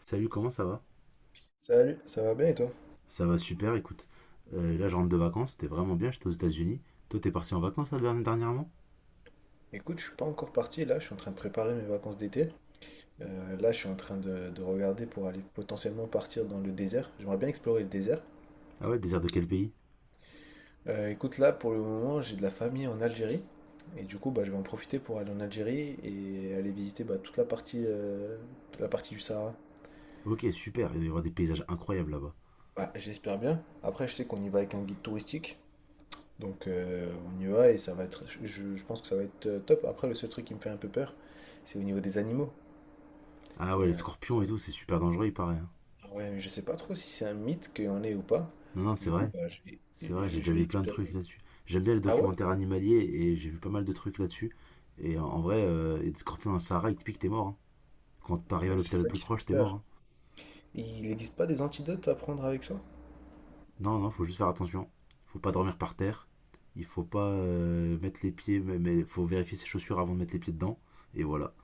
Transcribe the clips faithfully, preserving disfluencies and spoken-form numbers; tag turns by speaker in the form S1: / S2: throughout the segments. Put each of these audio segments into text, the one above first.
S1: Salut, comment ça va?
S2: Salut, ça va bien et toi?
S1: Ça va super, écoute. Euh, là, je rentre de vacances, c'était vraiment bien, j'étais aux États-Unis. Toi, t'es parti en vacances là, derni- dernièrement?
S2: Écoute, je suis pas encore parti là, je suis en train de préparer mes vacances d'été. Euh, là, je suis en train de, de regarder pour aller potentiellement partir dans le désert. J'aimerais bien explorer le désert.
S1: Ah ouais, désert de quel pays?
S2: Euh, écoute, là, pour le moment, j'ai de la famille en Algérie. Et du coup, bah, je vais en profiter pour aller en Algérie et aller visiter bah, toute la partie, euh, toute la partie du Sahara.
S1: Ok, super, il doit y avoir des paysages incroyables là-bas.
S2: Bah, j'espère bien. Après, je sais qu'on y va avec un guide touristique. Donc, euh, on y va et ça va être. Je, je pense que ça va être euh, top. Après, le seul truc qui me fait un peu peur, c'est au niveau des animaux.
S1: Ah ouais, les scorpions et tout, c'est super dangereux, il paraît, hein.
S2: Ah ouais, mais je sais pas trop si c'est un mythe qu'il y en ait ou pas.
S1: Non, non, c'est
S2: Du coup,
S1: vrai,
S2: bah, je vais,
S1: c'est vrai,
S2: je,
S1: j'ai
S2: je
S1: déjà
S2: vais
S1: vu plein de trucs
S2: expérimenter.
S1: là-dessus. J'aime bien les
S2: Ah ouais?
S1: documentaires animaliers et j'ai vu pas mal de trucs là-dessus. Et en en vrai, euh, et des scorpions dans le Sahara, ils te piquent, t'es mort, hein. Quand t'arrives à
S2: Bah, c'est
S1: l'hôpital le
S2: ça
S1: plus
S2: qui fait
S1: proche, t'es mort,
S2: peur.
S1: hein.
S2: Et il n'existe pas des antidotes à prendre avec soi?
S1: Non, non, faut juste faire attention. Faut pas dormir par terre. Il faut pas euh, mettre les pieds, mais mais faut vérifier ses chaussures avant de mettre les pieds dedans. Et voilà.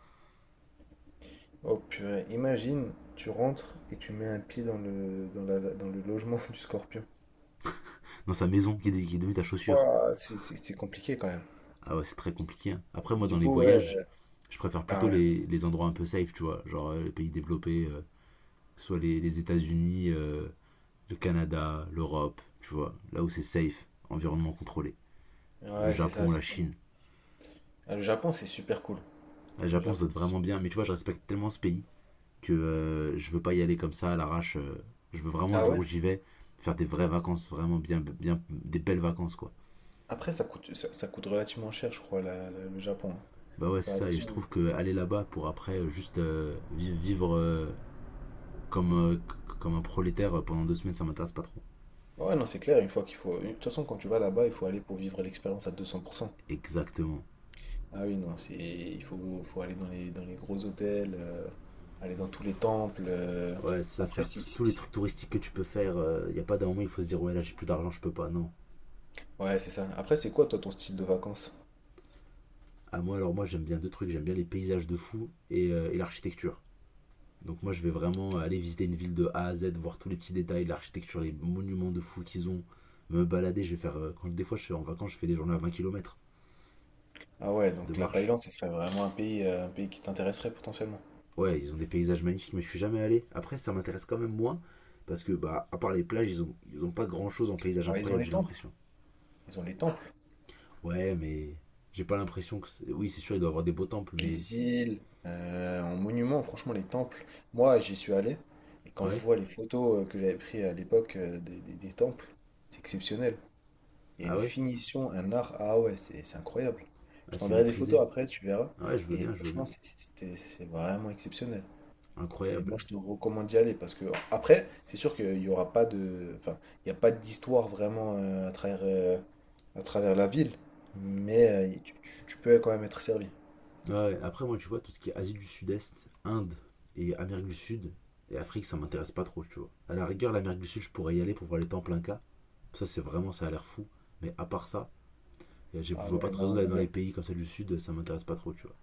S2: Oh purée, imagine, tu rentres et tu mets un pied dans le, dans la, dans le logement du scorpion.
S1: Dans sa maison, qui est, qui est devenue ta chaussure.
S2: Ouah, c'est c'est- c'est compliqué quand même.
S1: Ah ouais, c'est très compliqué, hein. Après,
S2: Et
S1: moi, dans
S2: du
S1: les
S2: coup,
S1: voyages,
S2: ouais.
S1: je préfère
S2: Ah
S1: plutôt
S2: ouais, non.
S1: les, les endroits un peu safe, tu vois. Genre euh, les pays développés, euh, soit les, les États-Unis, euh, le Canada, l'Europe, tu vois. Là où c'est safe, environnement contrôlé. Le
S2: Ouais, c'est ça,
S1: Japon,
S2: c'est
S1: la
S2: ça.
S1: Chine.
S2: Ah, le Japon, c'est super cool.
S1: Le
S2: Le
S1: Japon, ça
S2: Japon,
S1: doit être
S2: c'est
S1: vraiment
S2: super-
S1: bien. Mais tu vois, je respecte tellement ce pays que euh, je veux pas y aller comme ça à l'arrache. euh, je veux vraiment le
S2: Ah
S1: jour
S2: ouais?
S1: où j'y vais faire des vraies vacances, vraiment bien, bien des belles vacances quoi.
S2: Après, ça coûte, ça, ça coûte relativement cher, je crois, la- la- le Japon, hein.
S1: Bah ouais, c'est
S2: Fais
S1: ça. Et je
S2: attention.
S1: trouve que aller là-bas pour après euh, juste euh, vi- vivre euh, comme euh, comme un prolétaire euh, pendant deux semaines, ça m'intéresse pas trop.
S2: Ouais, non, c'est clair, une fois qu'il faut. De toute façon, quand tu vas là-bas, il faut aller pour vivre l'expérience à deux cents pour cent.
S1: Exactement.
S2: Ah oui, non, c'est. Il faut, faut aller dans les, dans les gros hôtels, euh, aller dans tous les temples, euh.
S1: Ouais, c'est ça,
S2: Après,
S1: faire
S2: si, si,
S1: tous les
S2: si.
S1: trucs touristiques que tu peux faire. Il y a pas d'un moment il faut se dire ouais là j'ai plus d'argent, je peux pas. Non.
S2: Ouais, c'est ça. Après, c'est quoi, toi, ton style de vacances?
S1: À moi, alors moi j'aime bien deux trucs. J'aime bien les paysages de fou et, euh, et l'architecture. Donc moi je vais vraiment
S2: Ok.
S1: aller visiter une ville de A à Z, voir tous les petits détails, l'architecture, les monuments de fous qu'ils ont, me balader, je vais faire... euh, Quand, des fois je suis en vacances, je fais des journées à vingt kilomètres
S2: Ah ouais,
S1: de
S2: donc la
S1: marche.
S2: Thaïlande, ce serait vraiment un pays, euh, un pays qui t'intéresserait potentiellement.
S1: Ouais, ils ont des paysages magnifiques, mais je suis jamais allé. Après ça m'intéresse quand même moins, parce que bah à part les plages, ils ont, ils ont pas grand-chose en paysage
S2: Ouais, ils ont
S1: incroyable,
S2: les
S1: j'ai
S2: temples.
S1: l'impression.
S2: Ils ont les temples.
S1: Ouais, mais j'ai pas l'impression que... Oui, c'est sûr, il doit y avoir des beaux temples, mais
S2: Les
S1: si-
S2: îles, euh, en monument, franchement, les temples. Moi, j'y suis allé, et quand je
S1: ouais,
S2: vois les photos euh, que j'avais prises à l'époque euh, des, des des temples, c'est exceptionnel. Il y a
S1: ah
S2: une
S1: ouais,
S2: finition, un art. Ah ouais, c'est c'est incroyable. Je
S1: assez
S2: t'enverrai des photos
S1: maîtrisé.
S2: après, tu verras.
S1: Ah ouais, je veux
S2: Et
S1: bien, je veux
S2: franchement,
S1: bien.
S2: c'est c'est- c'était- c'est vraiment exceptionnel. C'est,
S1: Incroyable.
S2: moi, je te recommande d'y aller parce que après, c'est sûr qu'il y aura pas de, enfin, il n'y a pas d'histoire vraiment euh, à travers, euh, à travers la ville, mais euh, tu, tu- tu peux quand même être servi.
S1: Ouais, après, moi, tu vois, tout ce qui est Asie du Sud-Est, Inde et Amérique du Sud et Afrique, ça m'intéresse pas trop, tu vois. À la rigueur, l'Amérique du Sud, je pourrais y aller pour voir les temples Inca. Ça, c'est vraiment, ça a l'air fou. Mais à part ça, y a- j'ai- je
S2: Ah
S1: vois pas
S2: ouais,
S1: de raison
S2: non,
S1: d'aller
S2: moi,
S1: dans
S2: je-
S1: les pays comme ça du Sud, ça m'intéresse pas trop, tu vois.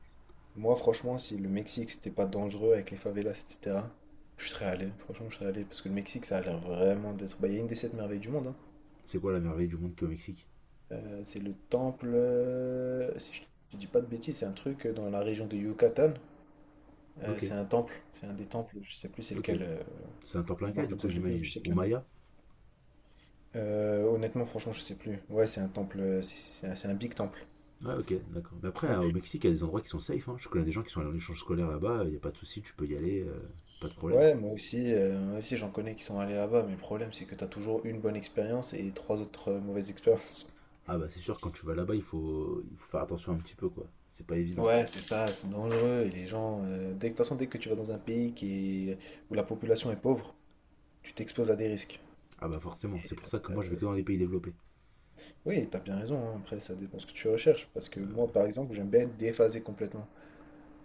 S2: moi, franchement, si le Mexique c'était pas dangereux avec les favelas, et cetera, je serais allé. Franchement, je serais allé parce que le Mexique, ça a l'air vraiment d'être, bah, il y a une des sept merveilles du monde, hein.
S1: C'est quoi la merveille du monde qu'au Mexique?
S2: Euh, c'est le temple, euh, si je te dis pas de bêtises, c'est un truc euh, dans la région de Yucatan. Euh,
S1: Ok,
S2: c'est un temple, c'est un des temples, je sais plus c'est
S1: ok.
S2: lequel, euh,
S1: C'est un temple
S2: de
S1: Inca,
S2: mémoire
S1: du
S2: comme
S1: coup,
S2: ça, je l'ai plus, mais
S1: j'imagine.
S2: je sais
S1: Ou
S2: qu'il y en a.
S1: Maya?
S2: Euh, honnêtement, franchement, je sais plus. Ouais, c'est un temple, euh, c'est c'est- c'est un, c'est un big temple.
S1: Ouais, ok, d'accord. Mais après, hein, au
S2: Temple.
S1: Mexique, il y a des endroits qui sont safe, hein. Je connais des gens qui sont allés en échange scolaire là-bas, il n'y a pas de souci, tu peux y aller, euh, pas de problème.
S2: Ouais, moi aussi, euh, moi aussi j'en connais qui sont allés là-bas, mais le problème c'est que t'as toujours une bonne expérience et trois autres euh, mauvaises expériences.
S1: Ah bah c'est sûr, quand tu vas là-bas, il faut, il faut faire attention un petit peu, quoi. C'est pas évident.
S2: Ouais, c'est ça, c'est dangereux. Et les gens, euh, dès, de toute façon, dès que tu vas dans un pays qui est- où la population est pauvre, tu t'exposes à des risques.
S1: Ah bah forcément, c'est pour ça que moi je vais que dans les pays développés.
S2: Oui, t'as bien raison, hein. Après, ça dépend ce que tu recherches, parce que moi, par exemple, j'aime bien être déphasé complètement.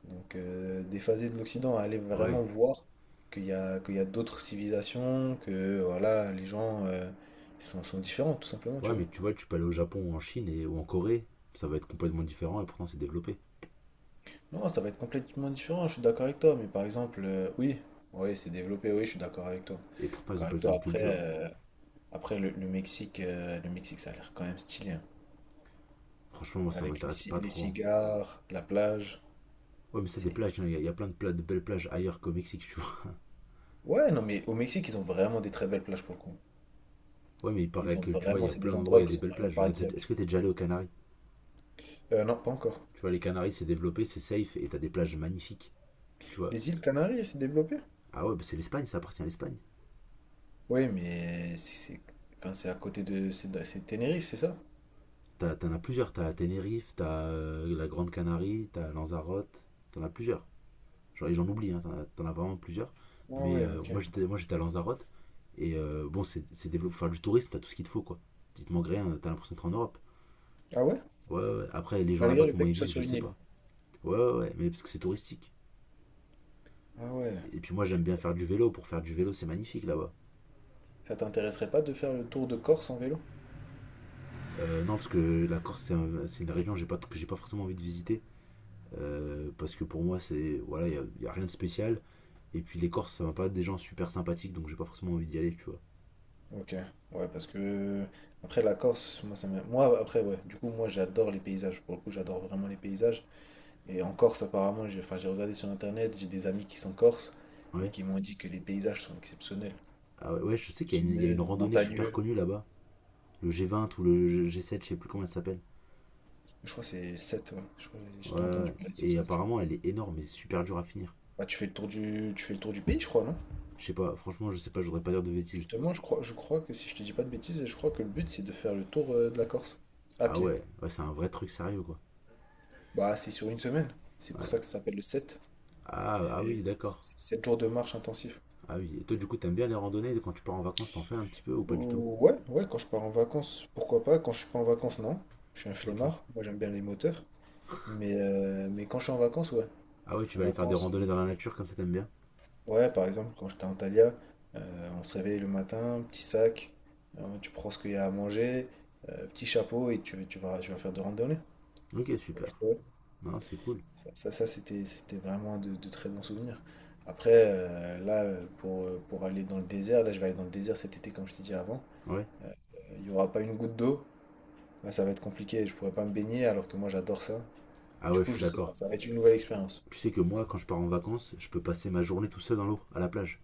S2: Donc, euh, déphasé de l'Occident, aller vraiment
S1: Ouais,
S2: voir qu'il y a, qu'il y a d'autres civilisations, que voilà, les gens euh, ils sont, sont différents, tout simplement,
S1: ouais,
S2: tu vois.
S1: mais tu vois, tu peux aller au Japon ou en Chine et, ou en Corée, ça va être complètement différent et pourtant c'est développé.
S2: Non, ça va être complètement différent, je suis d'accord avec toi, mais par exemple, euh, oui, oui, c'est développé, oui, je suis d'accord avec toi.
S1: Et pourtant ils ont
S2: D'accord
S1: pas
S2: avec
S1: la
S2: toi,
S1: même
S2: après,
S1: culture.
S2: euh, après le, le Mexique, euh, le Mexique, ça a l'air quand même stylé, hein.
S1: Franchement, moi ça
S2: Avec les,
S1: m'intéresse pas
S2: ci- les
S1: trop, hein.
S2: cigares, la plage,
S1: Ouais, mais ça, des
S2: c'est
S1: plages, hein, il y, a- y a plein de, pla- de belles plages ailleurs qu'au Mexique, tu vois.
S2: Ouais, non, mais au Mexique, ils ont vraiment des très belles plages pour le coup.
S1: Ouais, mais il paraît
S2: Ils ont
S1: que tu vois, il y
S2: vraiment,
S1: a
S2: c'est
S1: plein
S2: des
S1: d'endroits où il y
S2: endroits
S1: a
S2: qui
S1: des
S2: sont
S1: belles
S2: vraiment
S1: plages. Est-ce
S2: paradisiaques.
S1: que t'es déjà allé aux Canaries?
S2: Euh, non, pas encore.
S1: Tu vois, les Canaries c'est développé, c'est safe et t'as des plages magnifiques, tu vois.
S2: Les îles Canaries, elles s'est développée?
S1: Ah ouais, bah c'est l'Espagne, ça appartient à l'Espagne.
S2: Oui, mais c'est, c'est- enfin, c'est à côté de, c'est de- c'est Tenerife, c'est ça?
S1: T'as- T'en as as plusieurs, t'as Tenerife, t'as euh, la Grande Canarie, t'as Lanzarote, t'en as plusieurs. Genre, j'en oublie, hein, t'en- as vraiment plusieurs.
S2: Ah
S1: Mais
S2: ouais,
S1: euh,
S2: ok.
S1: moi, j'étais, moi, j'étais à Lanzarote. Et euh, bon, c'est c'est développé pour faire du tourisme, t'as tout ce qu'il te faut, quoi. Il te manque rien, t'as l'impression d'être en Europe.
S2: Ah ouais?
S1: Ouais, ouais, ouais. Après, les gens là-bas,
S2: Malgré le fait
S1: comment
S2: que
S1: ils
S2: tu sois
S1: vivent, je
S2: sur une
S1: sais
S2: île.
S1: pas. Ouais, ouais, ouais, mais parce que c'est touristique.
S2: Ah ouais.
S1: Et puis moi, j'aime bien faire du vélo. Pour faire du vélo, c'est magnifique là-bas.
S2: Ça t'intéresserait pas de faire le tour de Corse en vélo?
S1: Euh, non, parce que la Corse, c'est un- c'est une région que j'ai pas, que j'ai pas forcément envie de visiter. Euh, parce que pour moi, c'est. Voilà, il n'y a, a rien de spécial. Et puis les Corses, ça va pas être des gens super sympathiques, donc j'ai pas forcément envie d'y aller, tu vois.
S2: Ok. Ouais, parce que après la Corse, moi ça m'a- moi après ouais. Du coup, moi j'adore les paysages. Pour le coup, j'adore vraiment les paysages. Et en Corse, apparemment, j'ai enfin, j'ai regardé sur internet, j'ai des amis qui sont corses et
S1: Ouais.
S2: qui m'ont dit que les paysages sont exceptionnels.
S1: Ah ouais, ouais, je sais qu'il y, y a une
S2: Exceptionnels,
S1: randonnée super
S2: montagneux.
S1: connue là-bas. Le g vingt ou le g sept je sais plus comment elle s'appelle.
S2: Je crois que c'est sept, ouais. Je crois que
S1: Ouais,
S2: j'ai
S1: ouais,
S2: déjà
S1: ouais.
S2: entendu parler de ce
S1: Et
S2: truc.
S1: apparemment elle est énorme et super dure à finir.
S2: Bah, tu fais le tour du, tu fais le tour du pays, je crois, non?
S1: Je sais pas, franchement, je sais pas, je voudrais pas dire de bêtises.
S2: Justement, je crois, je crois que si je te dis pas de bêtises, je crois que le but c'est de faire le tour euh, de la Corse à
S1: Ah
S2: pied.
S1: ouais, ouais c'est un vrai truc sérieux quoi.
S2: Bah, c'est sur une semaine. C'est pour ça
S1: Ouais.
S2: que ça s'appelle le sept.
S1: Ah, ah oui,
S2: C'est
S1: d'accord.
S2: sept jours de marche intensif.
S1: Ah oui, et toi du coup, t'aimes bien les randonnées quand tu pars en vacances, t'en fais un petit peu ou pas du tout?
S2: Ouh, ouais, ouais, quand je pars en vacances, pourquoi pas? Quand je suis pas en vacances, non. Je suis un
S1: Ok.
S2: flemmard. Moi, j'aime bien les moteurs. Mais, euh, mais quand je suis en vacances, ouais.
S1: Ah ouais,
S2: Je
S1: tu
S2: suis en
S1: vas aller faire des
S2: vacances,
S1: randonnées
S2: euh,
S1: dans la nature comme ça, t'aimes bien?
S2: ouais, par exemple, quand j'étais en Thalia, euh, on se réveille le matin, petit sac, euh, tu prends ce qu'il y a à manger, euh, petit chapeau et tu, tu vas, tu vas faire de randonnée.
S1: Ok, super.
S2: Ouais.
S1: Non, c'est cool.
S2: Ça, ça, ça, c'était, c'était vraiment de, de très bons souvenirs. Après, euh, là, euh, pour, euh, pour aller dans le désert, là, je vais aller dans le désert cet été, comme je t'ai dit avant.
S1: Ouais.
S2: Euh, Il n'y aura pas une goutte d'eau. Là, ça va être compliqué. Je pourrais pas me baigner alors que moi, j'adore ça.
S1: Ah
S2: Du
S1: ouais, je
S2: coup,
S1: suis
S2: je sais pas.
S1: d'accord.
S2: Ça va être une nouvelle expérience.
S1: Tu sais que moi, quand je pars en vacances, je peux passer ma journée tout seul dans l'eau, à la plage.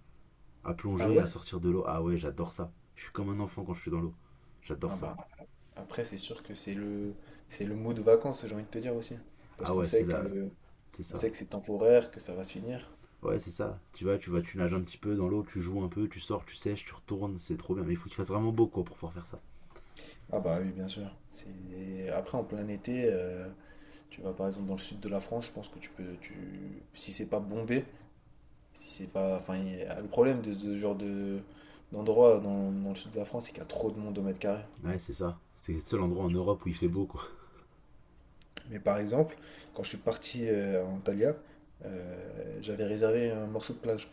S1: À
S2: Ah
S1: plonger, à
S2: ouais?
S1: sortir de l'eau. Ah ouais, j'adore ça. Je suis comme un enfant quand je suis dans l'eau.
S2: Ah
S1: J'adore ça.
S2: bah. Après, c'est sûr que c'est le, c'est le mot de vacances, j'ai envie de te dire aussi. Parce
S1: Ah
S2: qu'on
S1: ouais, c'est
S2: sait
S1: là,
S2: que,
S1: c'est
S2: on
S1: ça.
S2: sait que c'est temporaire, que ça va se finir.
S1: Ouais, c'est ça. Tu vas, tu vas, tu nages un petit peu dans l'eau, tu joues un peu, tu sors, tu sèches, tu retournes, c'est trop bien. Mais il faut qu'il fasse vraiment beau quoi pour pouvoir faire ça.
S2: Ah bah oui, bien sûr. C'est… Après, en plein été, euh, tu vas par exemple dans le sud de la France, je pense que tu peux, tu… si c'est pas bombé, si c'est pas… Enfin, il y a- le problème de ce genre de… d'endroit dans, dans le sud de la France, c'est qu'il y a trop de monde au mètre carré.
S1: Ouais, c'est ça. C'est le seul endroit en Europe où il fait
S2: Profiter.
S1: beau quoi.
S2: Mais par exemple, quand je suis parti euh, à Antalya, euh, j'avais réservé un morceau de plage.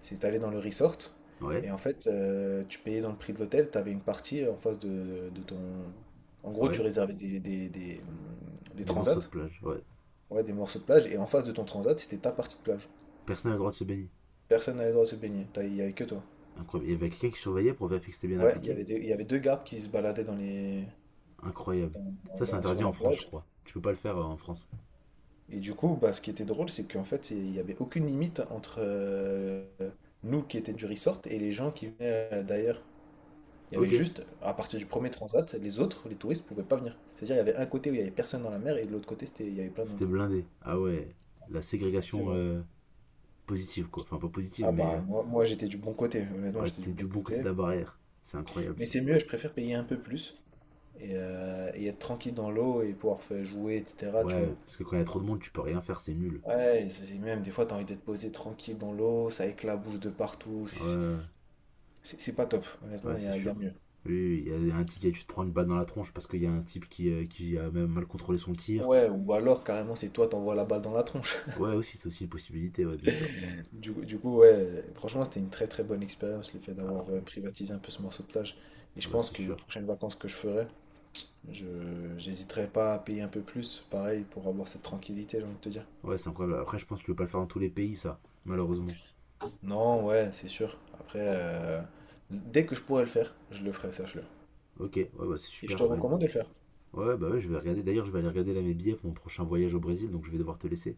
S2: C'est allé dans le resort.
S1: Ouais,
S2: Et en fait, euh, tu payais dans le prix de l'hôtel, tu avais une partie en face de, de ton… En gros, tu
S1: ouais.
S2: réservais des, des, des, hum, des
S1: Des
S2: transats,
S1: morceaux de plage, ouais.
S2: ouais, des morceaux de plage, et en face de ton transat, c'était ta partie de plage.
S1: Personne n'a le droit de se baigner.
S2: Personne n'avait le droit de se baigner, t'as- il n'y avait que toi.
S1: Incroyable. Il y avait quelqu'un qui surveillait pour vérifier que c'était bien
S2: Ouais, il y
S1: appliqué.
S2: avait des- il y avait deux gardes qui se baladaient dans les…
S1: Incroyable.
S2: dans-
S1: Ça, c'est
S2: dans- sur
S1: interdit en
S2: la
S1: France, je
S2: plage.
S1: crois. Tu peux pas le faire euh, en France.
S2: Et du coup, bah, ce qui était drôle, c'est qu'en fait, il n'y avait aucune limite entre euh, nous qui étaient du resort et les gens qui venaient euh, d'ailleurs. Il y avait
S1: Ok.
S2: juste, à partir du premier transat, les autres, les touristes, pouvaient pas venir. C'est-à-dire, il y avait un côté où il y avait personne dans la mer et de l'autre côté, c'était, il y avait plein de monde.
S1: C'était blindé. Ah ouais. La
S2: C'était assez
S1: ségrégation
S2: drôle.
S1: euh, positive quoi. Enfin, pas positive,
S2: Ah
S1: mais
S2: bah,
S1: euh,
S2: moi, moi j'étais du bon côté, honnêtement,
S1: ouais,
S2: j'étais du
S1: t'es
S2: bon
S1: du bon côté de
S2: côté.
S1: la barrière. C'est incroyable
S2: Mais
S1: ça.
S2: c'est mieux, je préfère payer un peu plus et, euh, et être tranquille dans l'eau et pouvoir faire jouer, et cetera, tu
S1: Ouais,
S2: vois.
S1: parce que quand il y a trop de monde, tu peux rien faire, c'est nul.
S2: Ouais, et c'est c'est même, des fois, t'as envie d'être posé tranquille dans l'eau, ça éclabousse de partout. C'est
S1: Ouais,
S2: c'est- c'est pas top,
S1: ouais,
S2: honnêtement, il y
S1: c'est
S2: a, il y a
S1: sûr.
S2: mieux.
S1: Oui, oui, il y a un type qui a tu te prends une balle dans la tronche parce qu'il y a un type qui, euh, qui a même mal contrôlé son tir.
S2: Ouais, ou alors, carrément, c'est toi, t'envoies la balle dans la tronche.
S1: Ouais, aussi, c'est aussi une possibilité, ouais, bien sûr.
S2: Du, coup, du coup, ouais, franchement, c'était une très très bonne expérience le fait
S1: Ah,
S2: d'avoir euh,
S1: ouais,
S2: privatisé un peu ce morceau de plage. Et
S1: ah
S2: je
S1: bah,
S2: pense
S1: c'est
S2: que les
S1: sûr.
S2: prochaines vacances que je ferai, je j'hésiterai pas à payer un peu plus, pareil, pour avoir cette tranquillité, j'ai envie de te dire.
S1: Ouais, c'est incroyable. Après, je pense que tu peux pas le faire dans tous les pays, ça, malheureusement.
S2: Non, ouais, c'est sûr. Après, euh, dès que je pourrai le faire, je le ferai, sache-le.
S1: Ok, ouais, bah, c'est
S2: Et je te
S1: super. Bah,
S2: recommande de le faire.
S1: ouais, bah, ouais, je vais regarder. D'ailleurs, je vais aller regarder là mes billets pour mon prochain voyage au Brésil, donc je vais devoir te laisser.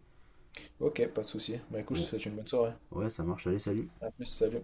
S2: Ok, pas de souci. Bah écoute, je te
S1: Bon,
S2: souhaite une bonne soirée.
S1: ouais, ça marche. Allez, salut.
S2: À plus, salut.